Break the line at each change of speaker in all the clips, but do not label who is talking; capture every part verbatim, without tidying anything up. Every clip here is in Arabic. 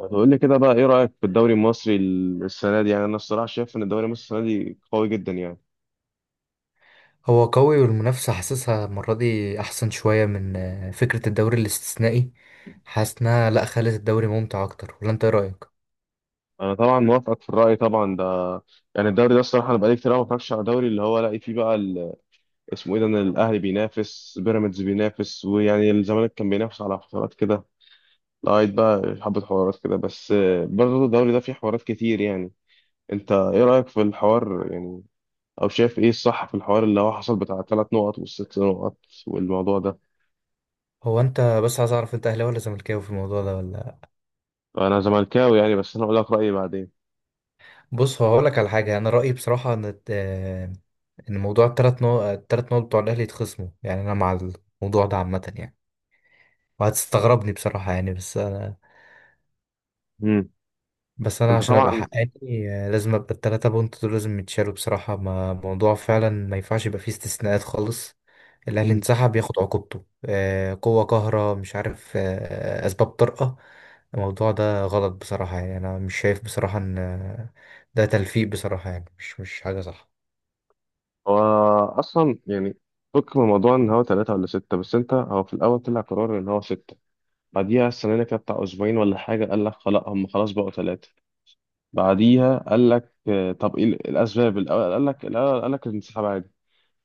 هتقول لي كده بقى، ايه رأيك في الدوري المصري السنة دي؟ يعني انا الصراحة شايف ان الدوري المصري السنة دي قوي جدا يعني.
هو قوي والمنافسة حاسسها المرة دي أحسن شوية من آه، فكرة الدوري الاستثنائي. حاسس إنها لأ، خلت الدوري ممتع أكتر، ولا أنت إيه رأيك؟
انا طبعا موافقك في الرأي طبعا ده. يعني الدوري ده الصراحة انا بقالي كتير أوي ما بتفرجش على دوري اللي هو الاقي فيه بقى ال- اسمه ايه ده، ان الاهلي بينافس بيراميدز بينافس، ويعني الزمالك كان بينافس على فترات كده لغاية بقى حبة حوارات كده بس. برضه الدوري ده فيه حوارات كتير يعني. انت ايه رأيك في الحوار يعني؟ او شايف ايه الصح في الحوار اللي هو حصل بتاع الثلاث نقط والست نقط والموضوع ده؟
هو أنت بس عايز أعرف، أنت أهلاوي ولا زملكاوي في الموضوع ده ولا...
انا زملكاوي يعني، بس انا اقول لك رايي بعدين.
بص، هو هقولك على حاجة. أنا رأيي بصراحة إن الت- آه، إن موضوع التلات نقط، التلات نقط بتوع الأهلي يتخصموا، يعني أنا مع الموضوع ده عامة يعني. وهتستغربني بصراحة يعني، بس.
امم.
بس انا
انت
عشان ابقى
طبعا.
حقاني، آه، لازم ابقى التلاتة بونت دول لازم يتشالوا بصراحة. ما موضوع فعلا ما ينفعش يبقى فيه استثناءات خالص. الاهلي
امم.
انسحب ياخد عقوبته، آه، قوة قاهرة، مش عارف، آه، اسباب طارئة. الموضوع ده غلط بصراحة يعني. انا مش شايف بصراحة ان آه، ده تلفيق بصراحة يعني، مش مش حاجة صح.
هو اصلا يعني فك من موضوع ان هو ثلاثه ولا سته، بس انت هو في الاول طلع قرار ان هو سته. بعديها السنه اللي كانت بتاع اسبوعين ولا حاجه قال لك خلاص هم خلاص بقوا ثلاثه. بعديها قال لك آه، طب ايه الاسباب؟ الاول قال لك الاول قال لك الانسحاب عادي.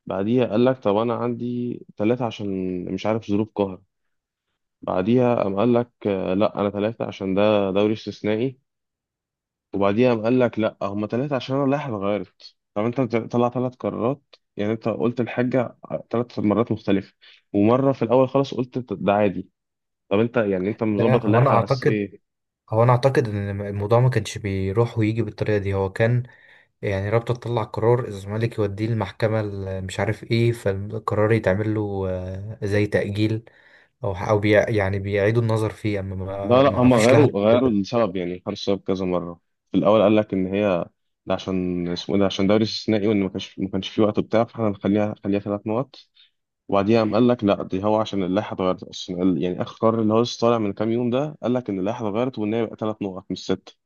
بعديها قال لك طب انا عندي ثلاثه عشان مش عارف ظروف قهر. بعديها قام قال لك آه، لا، انا ثلاثه عشان ده دوري استثنائي. وبعديها قام قال لك لا هما ثلاثة عشان انا رايح اتغيرت. طب انت طلع ثلاث قرارات يعني، انت قلت الحاجة ثلاث مرات مختلفة. ومرة في الاول خالص قلت ت- ده عادي. طب انت يعني انت
لا،
مظبط
هو انا
اللائحة على اساس
اعتقد،
ايه؟
هو انا اعتقد ان الم- الموضوع ما كانش بيروح ويجي بالطريقة دي. هو كان يعني رابطة تطلع قرار، الزمالك يوديه المحكمة ال- مش عارف ايه، فالقرار يتعمل له آه، زي تأجيل، او او بي، يعني بيعيدوا النظر فيه، اما
لا
ما
لا
ما
هما
فيش لها.
غيروا غيروا السبب، يعني غيروا السبب كذا مرة. في الاول قال لك ان هي ده عشان اسمه إيه ده، عشان دوري استثنائي وان ما كانش ما كانش في وقت بتاع، فاحنا هنخليها خليها ثلاث نقط. وبعديها قام قال لك لا دي هو عشان اللائحه اتغيرت اصلا، قال- يعني اخر قرار اللي هو لسه طالع من كام يوم ده، قال لك ان اللائحه اتغيرت وان هي بقى ثلاث نقط مش ست.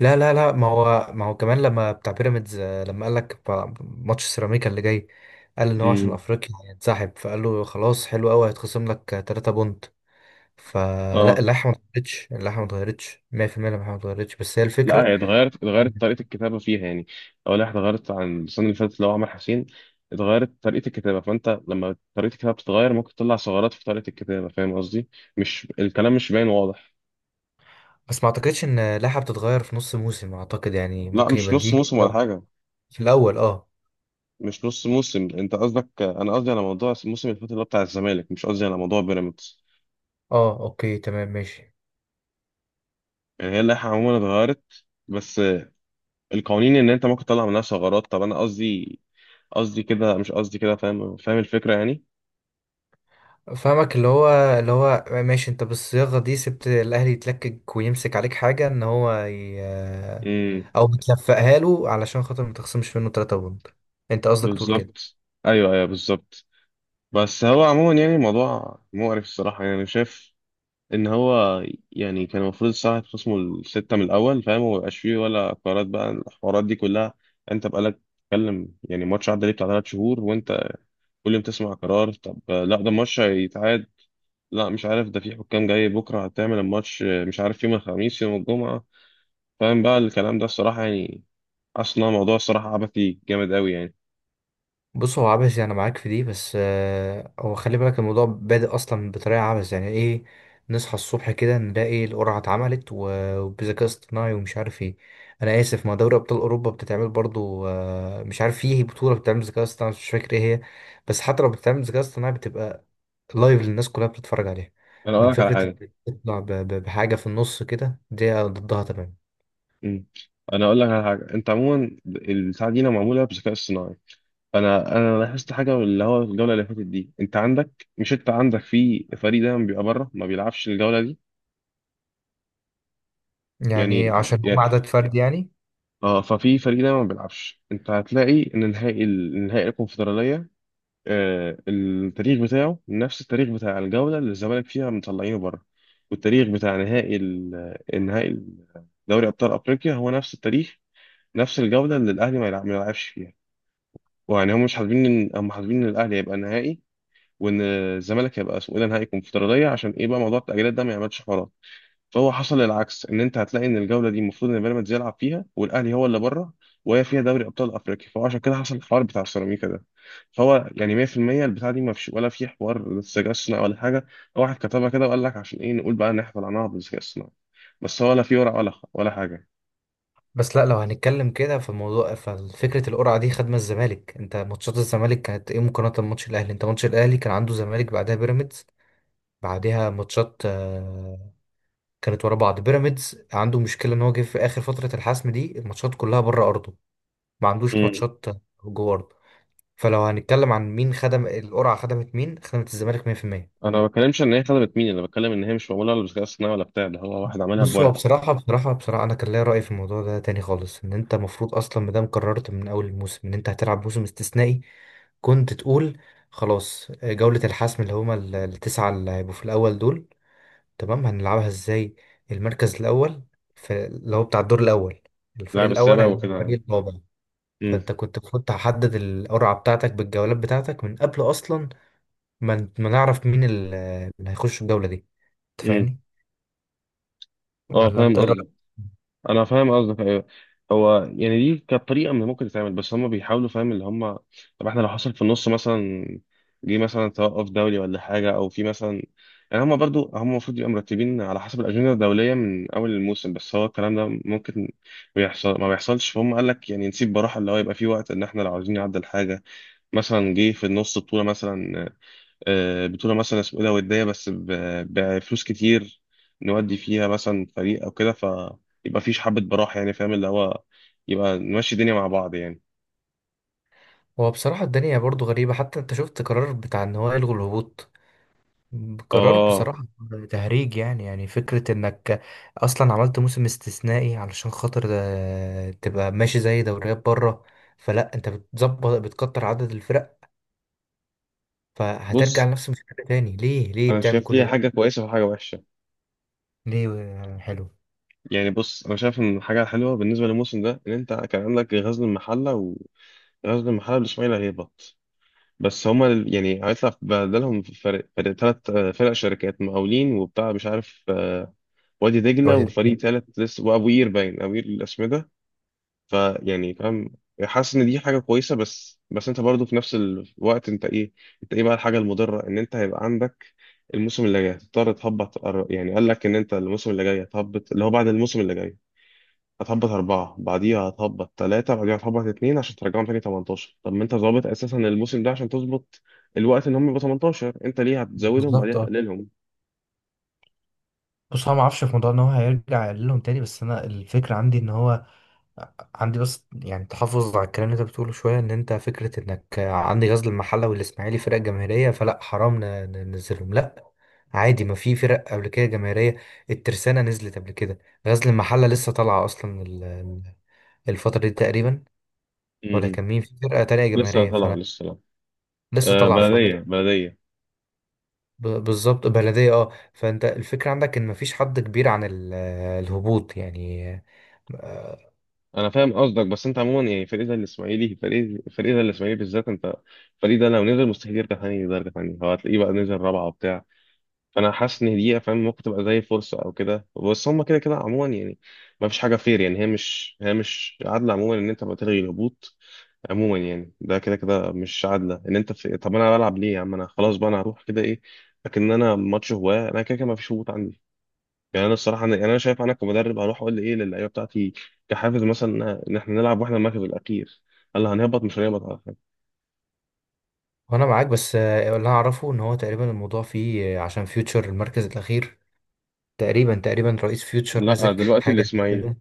لا لا لا، ما هو ما هو كمان لما بتاع بيراميدز، آه، لما قال لك بتاع ماتش سيراميكا اللي جاي، قال ان هو عشان
امم.
افريقيا هينسحب، فقال له خلاص حلو قوي، هيتخصم لك 3 بونت. فلا،
اه.
اللائحة ما اتغيرتش، اللائحة ما اتغيرتش مية في المية، اللائحة ما اتغيرتش، بس هي
لا،
الفكرة.
هي اتغيرت، اتغيرت طريقة الكتابة فيها يعني. أول واحد اتغيرت عن السنة اللي فاتت اللي هو عمر حسين. اتغيرت طريقة الكتابة، فأنت لما طريقة الكتابة بتتغير ممكن تطلع ثغرات في طريقة الكتابة، فاهم قصدي؟ مش الكلام مش باين واضح.
بس ما اعتقدش ان لائحة بتتغير في نص موسم، اعتقد يعني
لا،
ممكن
مش
يبقى
نص
دي
موسم
لو
ولا حاجة.
في الاول، اه.
مش نص موسم، أنت قصدك، أنا قصدي على موضوع الموسم اللي فات اللي هو بتاع الزمالك، مش قصدي على موضوع بيراميدز.
اه اوكي، تمام ماشي.
يعني هي اللائحة عموما اتغيرت، بس القوانين إن أنت ممكن تطلع منها ثغرات. طب أنا قصدي، قصدي كده مش قصدي كده، فاهم فاهم الفكرة يعني؟
فاهمك، اللي هو، اللي هو ماشي، انت بالصياغة دي سبت الاهلي يتلكك ويمسك عليك حاجة ان هو ي...
امم.
او بتلفقها له علشان خاطر ما تخصمش منه 3 بوند. انت قصدك تقول كده.
بالظبط. ايوه، ايوه، بالظبط. بس هو عموما يعني الموضوع مقرف الصراحه يعني، شايف ان هو يعني كان المفروض الساعه تخصمه السته من الاول فاهم، وما يبقاش فيه ولا قرارات بقى الحوارات دي كلها. انت بقالك تتكلم، يعني ماتش عدى ليه بتاع ثلاث شهور وانت كل يوم تسمع قرار. طب لا ده ماتش هيتعاد، لا مش عارف ده في حكام جاي بكره هتعمل الماتش، مش عارف يوم الخميس يوم الجمعه. فاهم بقى الكلام ده الصراحه يعني؟ اصلا موضوع الصراحه عبثي جامد قوي يعني.
بص، هو عبثي، انا معاك في دي، بس آه، هو خلي بالك، الموضوع بادئ اصلا بطريقه عبث، يعني ايه؟ نصحى الصبح كده نلاقي القرعه اتعملت و- وبذكاء اصطناعي ومش عارف ايه. انا اسف، ما دوري ابطال اوروبا بتتعمل برضو، آه، مش عارف فيه بطوله بتتعمل بذكاء اصطناعي، مش فاكر ايه هي. بس حتى لو بتتعمل بذكاء اصطناعي بتبقى لايف للناس كلها بتتفرج عليها.
انا
أما
اقول لك على
فكره
حاجه.
إنك تطلع ب- ب- بحاجه في النص كده، دي ضدها تمام.
مم. انا اقول لك على حاجه، انت عموما الساعه دي معموله بذكاء اصطناعي. انا انا لاحظت حاجه، اللي هو الجوله اللي فاتت دي انت عندك مش انت عندك في فريق دايما بيبقى بره ما بيلعبش الجوله دي.
يعني
يعني
عشان هم
يعني
عدد فرد يعني.
اه، ففي فريق دايما ما بيلعبش. انت هتلاقي ان نهائي ال- نهائي الكونفدراليه، آه التاريخ بتاعه نفس التاريخ بتاع الجوله اللي الزمالك فيها مطلعينه بره. والتاريخ بتاع نهائي ال- النهائي دوري ابطال افريقيا هو نفس التاريخ، نفس الجوله اللي الاهلي ما يلعب- ما يلعبش فيها. ويعني هم مش حابين، ان هم حابين ان الاهلي هيبقى نهائي وان الزمالك هيبقى اسمه ايه ده نهائي كونفدراليه، عشان ايه بقى موضوع التاجيلات ده ما يعملش حوارات. فهو حصل العكس، ان انت هتلاقي ان الجوله دي المفروض ان بيراميدز يلعب فيها والاهلي هو اللي بره، وهي فيها دوري ابطال افريقيا، فهو عشان كده حصل الحوار بتاع السيراميكا ده. فهو يعني مية في المية البتاع دي ما فيش ولا في حوار ذكاء اصطناعي ولا حاجه. هو واحد كتبها كده وقال لك عشان ايه، نقول بقى ان احنا طلعناها بالذكاء الاصطناعي، بس هو لا في ورق ولا ولا حاجه.
بس لا، لو هنتكلم كده فالموضوع ففكرة القرعة دي خدمة الزمالك. انت ماتشات الزمالك كانت ايه مقارنة بماتش الاهلي؟ انت ماتش الاهلي كان عنده زمالك بعدها بيراميدز بعدها ماتشات، آه، كانت ورا بعض. بيراميدز عنده مشكلة ان هو جه في اخر فترة الحسم دي، الماتشات كلها بره ارضه، ما عندوش
امم.
ماتشات جوه ارضه. فلو هنتكلم عن مين خدم القرعة، خدمت مين؟ خدمت الزمالك مية في المية.
انا ما بتكلمش ان هي خدمت مين، انا بتكلم ان هي مش معموله ولا بالذكاء الاصطناعي ولا بتاع ده، هو واحد عملها
بص، هو
بورق.
بصراحة بصراحة بصراحة أنا كان ليا رأي في الموضوع ده تاني خالص. إن أنت المفروض أصلا، مادام قررت من أول الموسم إن أنت هتلعب موسم استثنائي، كنت تقول خلاص، جولة الحسم اللي هما ال- التسعة اللي هيبقوا في الأول دول، تمام، هنلعبها إزاي؟ المركز الأول في اللي هو بتاع الدور الأول،
اللعب
الفريق الأول
السابق
هيلعب
وكده يعني.
الفريق الرابع.
امم.
فأنت كنت المفروض تحدد القرعة بتاعتك بالجولات بتاعتك من قبل أصلا، ما ما نعرف مين ال- اللي هيخش الجولة دي. أنت
امم.
فاهمني
اه
ولا
فاهم
أنت إيه رأيك؟
قصدك. انا فاهم قصدك ايوه. هو يعني دي كانت طريقه من ممكن تتعمل، بس هم بيحاولوا فاهم اللي هم. طب احنا لو حصل في النص مثلا، جه مثلا توقف دولي ولا حاجه، او في مثلا، يعني هم برضو هم المفروض يبقوا مرتبين على حسب الاجنده الدوليه من اول الموسم، بس هو الكلام ده ممكن بيحصل ما بيحصلش. فهم قال لك يعني نسيب براحه اللي هو يبقى في وقت ان احنا لو عاوزين نعدل حاجه، مثلا جه في النص بطوله مثلا، آه، بطولة مثلا اسمه ايه ده ودية بس ب- بفلوس كتير، نودي فيها مثلا فريق او كده، فيبقى فيش حبة براح يعني فاهم اللي هو، يبقى نمشي الدنيا مع بعض يعني.
هو بصراحة الدنيا برضو غريبة. حتى انت شفت قرار بتاع ان هو يلغوا الهبوط، قرار
اه.
بصراحة تهريج يعني. يعني فكرة انك اصلا عملت موسم استثنائي علشان خاطر، آه، تبقى ماشي زي دوريات بره، فلا انت بتظبط بتكتر عدد الفرق، فهترجع
بص،
لنفس المشكلة تاني. ليه؟ ليه
انا
بتعمل
شايف
كل
ليها
ده؟
حاجة كويسة وحاجة وحشة.
ليه؟ آه، حلو.
يعني بص، انا شايف ان الحاجة الحلوة بالنسبة للموسم ده ان انت كان عندك غزل المحلة، وغزل المحلة والاسماعيلي هيهبط. بس هما ال- يعني هيطلع بدلهم فرق، فرق ثلاث فرق شركات مقاولين وبتاع مش عارف، آه، وادي دجلة
وهتت-
وفريق ثالث لسه، وابو قير، باين ابو قير الاسمده. فيعني فاهم، حاسس ان دي حاجه كويسه، بس بس انت برضو في نفس الوقت انت ايه انت ايه بقى الحاجه المضره، ان انت هيبقى عندك الموسم اللي جاي هتضطر تهبط، أر- يعني قال لك ان انت الموسم اللي جاي هتهبط، اللي هو بعد الموسم اللي جاي هتهبط أربعة، بعديها هتهبط ثلاثة، بعديها هتهبط اتنين عشان ترجعهم تاني تمنتاشر. طب ما انت ظابط أساسا الموسم ده عشان تظبط الوقت ان هم يبقوا تمنتاشر، انت ليه هتزودهم بعديها
بالظبط اه.
تقللهم؟
بص، هو ما اعرفش في موضوع ان هو هيرجع يقللهم تاني، بس انا الفكره عندي ان هو عندي، بس يعني تحفظ على الكلام اللي انت بتقوله شويه. ان انت فكره انك عندي غزل المحله والاسماعيلي فرق جماهيريه فلا حرام ن- ننزلهم، لا، عادي. ما في فرق قبل كده جماهيريه، الترسانه نزلت قبل كده. غزل المحله لسه طالعه اصلا ال- ال- الفتره دي تقريبا.
م-
ولا
م.
كان مين في فرقه تانية
لسه
جماهيريه؟
طالع،
فانا
لسه طالع.
لسه
آه،
طالعه
بلدية
فبز-
بلدية.
ب- بالظبط. بلديه اه. فانت الفكره عندك ان ما فيش حد كبير عن ال- الهبوط يعني.
انا فاهم قصدك، بس انت عموما يعني فريق زي الاسماعيلي، فريق فريق زي الاسماعيلي بالذات، انت الفريق ده لو نزل مستحيل يرجع تاني درجه تانيه، هو هتلاقيه بقى نزل رابعه وبتاع. فانا حاسس ان دي فاهم ممكن تبقى زي فرصه او كده، بس هم كده كده عموما يعني ما فيش حاجه فير يعني، هي مش هي مش عادله عموما ان انت بقى تلغي الهبوط، عموما يعني ده كده كده مش عادله ان انت في، طب انا بلعب ليه يا عم؟ انا خلاص بقى، انا هروح كده ايه. لكن انا ماتش هواه، انا كده كده ما فيش هبوط عندي. يعني انا الصراحه انا يعني انا شايف، انا كمدرب هروح اقول ايه للعيبه بتاعتي كحافز مثلا ان احنا نلعب واحنا المركز الاخير؟ قال لي هنهبط مش هنهبط على فكره.
وانا معاك، بس آه، اللي اعرفه ان هو تقريبا الموضوع فيه، آه، عشان فيوتشر المركز الاخير، تقريبا تقريبا، رئيس فيوتشر
لا
ماسك
دلوقتي
حاجه
الاسماعيلي.
تقريبا.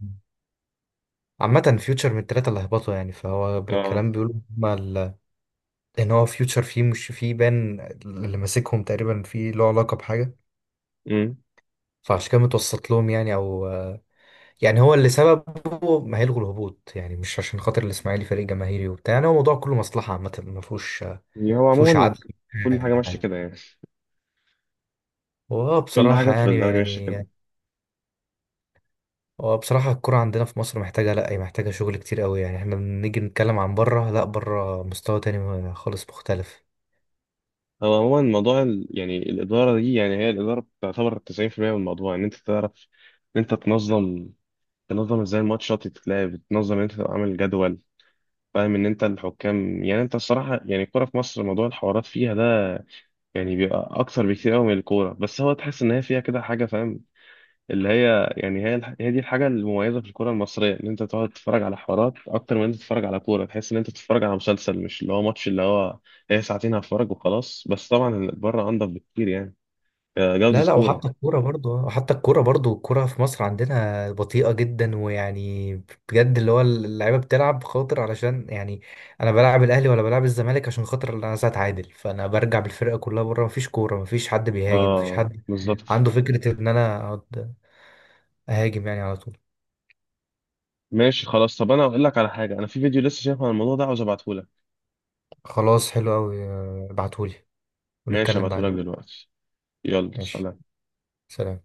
عامه، فيوتشر من الثلاثه اللي هبطوا يعني. فهو
اه.
بالكلام بيقولوا هما ال- ان هو فيوتشر فيه، مش فيه بان اللي ماسكهم تقريبا فيه له علاقه بحاجه.
امم.
فعشان كده متوسط لهم يعني، او آه، يعني هو اللي سببه ما هيلغوا الهبوط يعني، مش عشان خاطر الاسماعيلي فريق جماهيري وبتاع. يعني هو الموضوع كله مصلحه عامه، ما فيهوش ما
هو
فيهوش
عموما
عدل.
كل حاجه ماشيه كده يعني،
واه
كل حاجه
بصراحة،
في
يعني
الدوري ماشيه كده.
يعني. هو بصراحة الكرة عندنا في مصر محتاجة، لأ هي محتاجة شغل كتير قوي يعني. احنا بنيجي نتكلم عن بره، لأ بره مستوى تاني خالص مختلف.
هو عموما موضوع ال، يعني الاداره دي، يعني هي الاداره تعتبر تسعين بالمية من الموضوع، ان انت تعرف ان انت تنظم، تنظم ازاي الماتشات تتلعب، تنظم ان انت تبقى عامل جدول فاهم، ان انت الحكام. يعني انت الصراحه يعني الكوره في مصر موضوع الحوارات فيها ده يعني بيبقى اكثر بكتير قوي من الكوره، بس هو تحس ان هي فيها كده حاجه فاهم، اللي هي يعني هي الح- هي دي الحاجه المميزه في الكوره المصريه، ان انت تقعد تتفرج على حوارات اكتر من انت تتفرج على كوره، تحس ان انت بتتفرج على مسلسل، مش اللي هو ماتش اللي هو هي ساعتين هتفرج وخلاص. بس طبعا بره انضف بكتير يعني، آه، جوده
لا لا، وحتى
كوره.
الكورة برضو وحتى الكورة برضو الكورة في مصر عندنا بطيئة جدا ويعني، بجد اللي هو اللعيبة بتلعب خاطر علشان، يعني أنا بلعب الأهلي ولا بلعب الزمالك عشان خاطر إن أنا عايز أتعادل، فأنا برجع بالفرقة كلها بره. مفيش كورة، مفيش حد بيهاجم، مفيش
اه
حد
بالظبط.
عنده فكرة إن أنا أقعد أهاجم يعني على طول.
ماشي خلاص، طب انا هقول لك على حاجه، انا في فيديو لسه شايفه عن الموضوع ده عاوز ابعته لك.
خلاص حلو أوي، ابعتهولي
ماشي
ونتكلم
ابعته لك
بعدين.
دلوقتي. يلا
ماشي،
سلام.
سلام.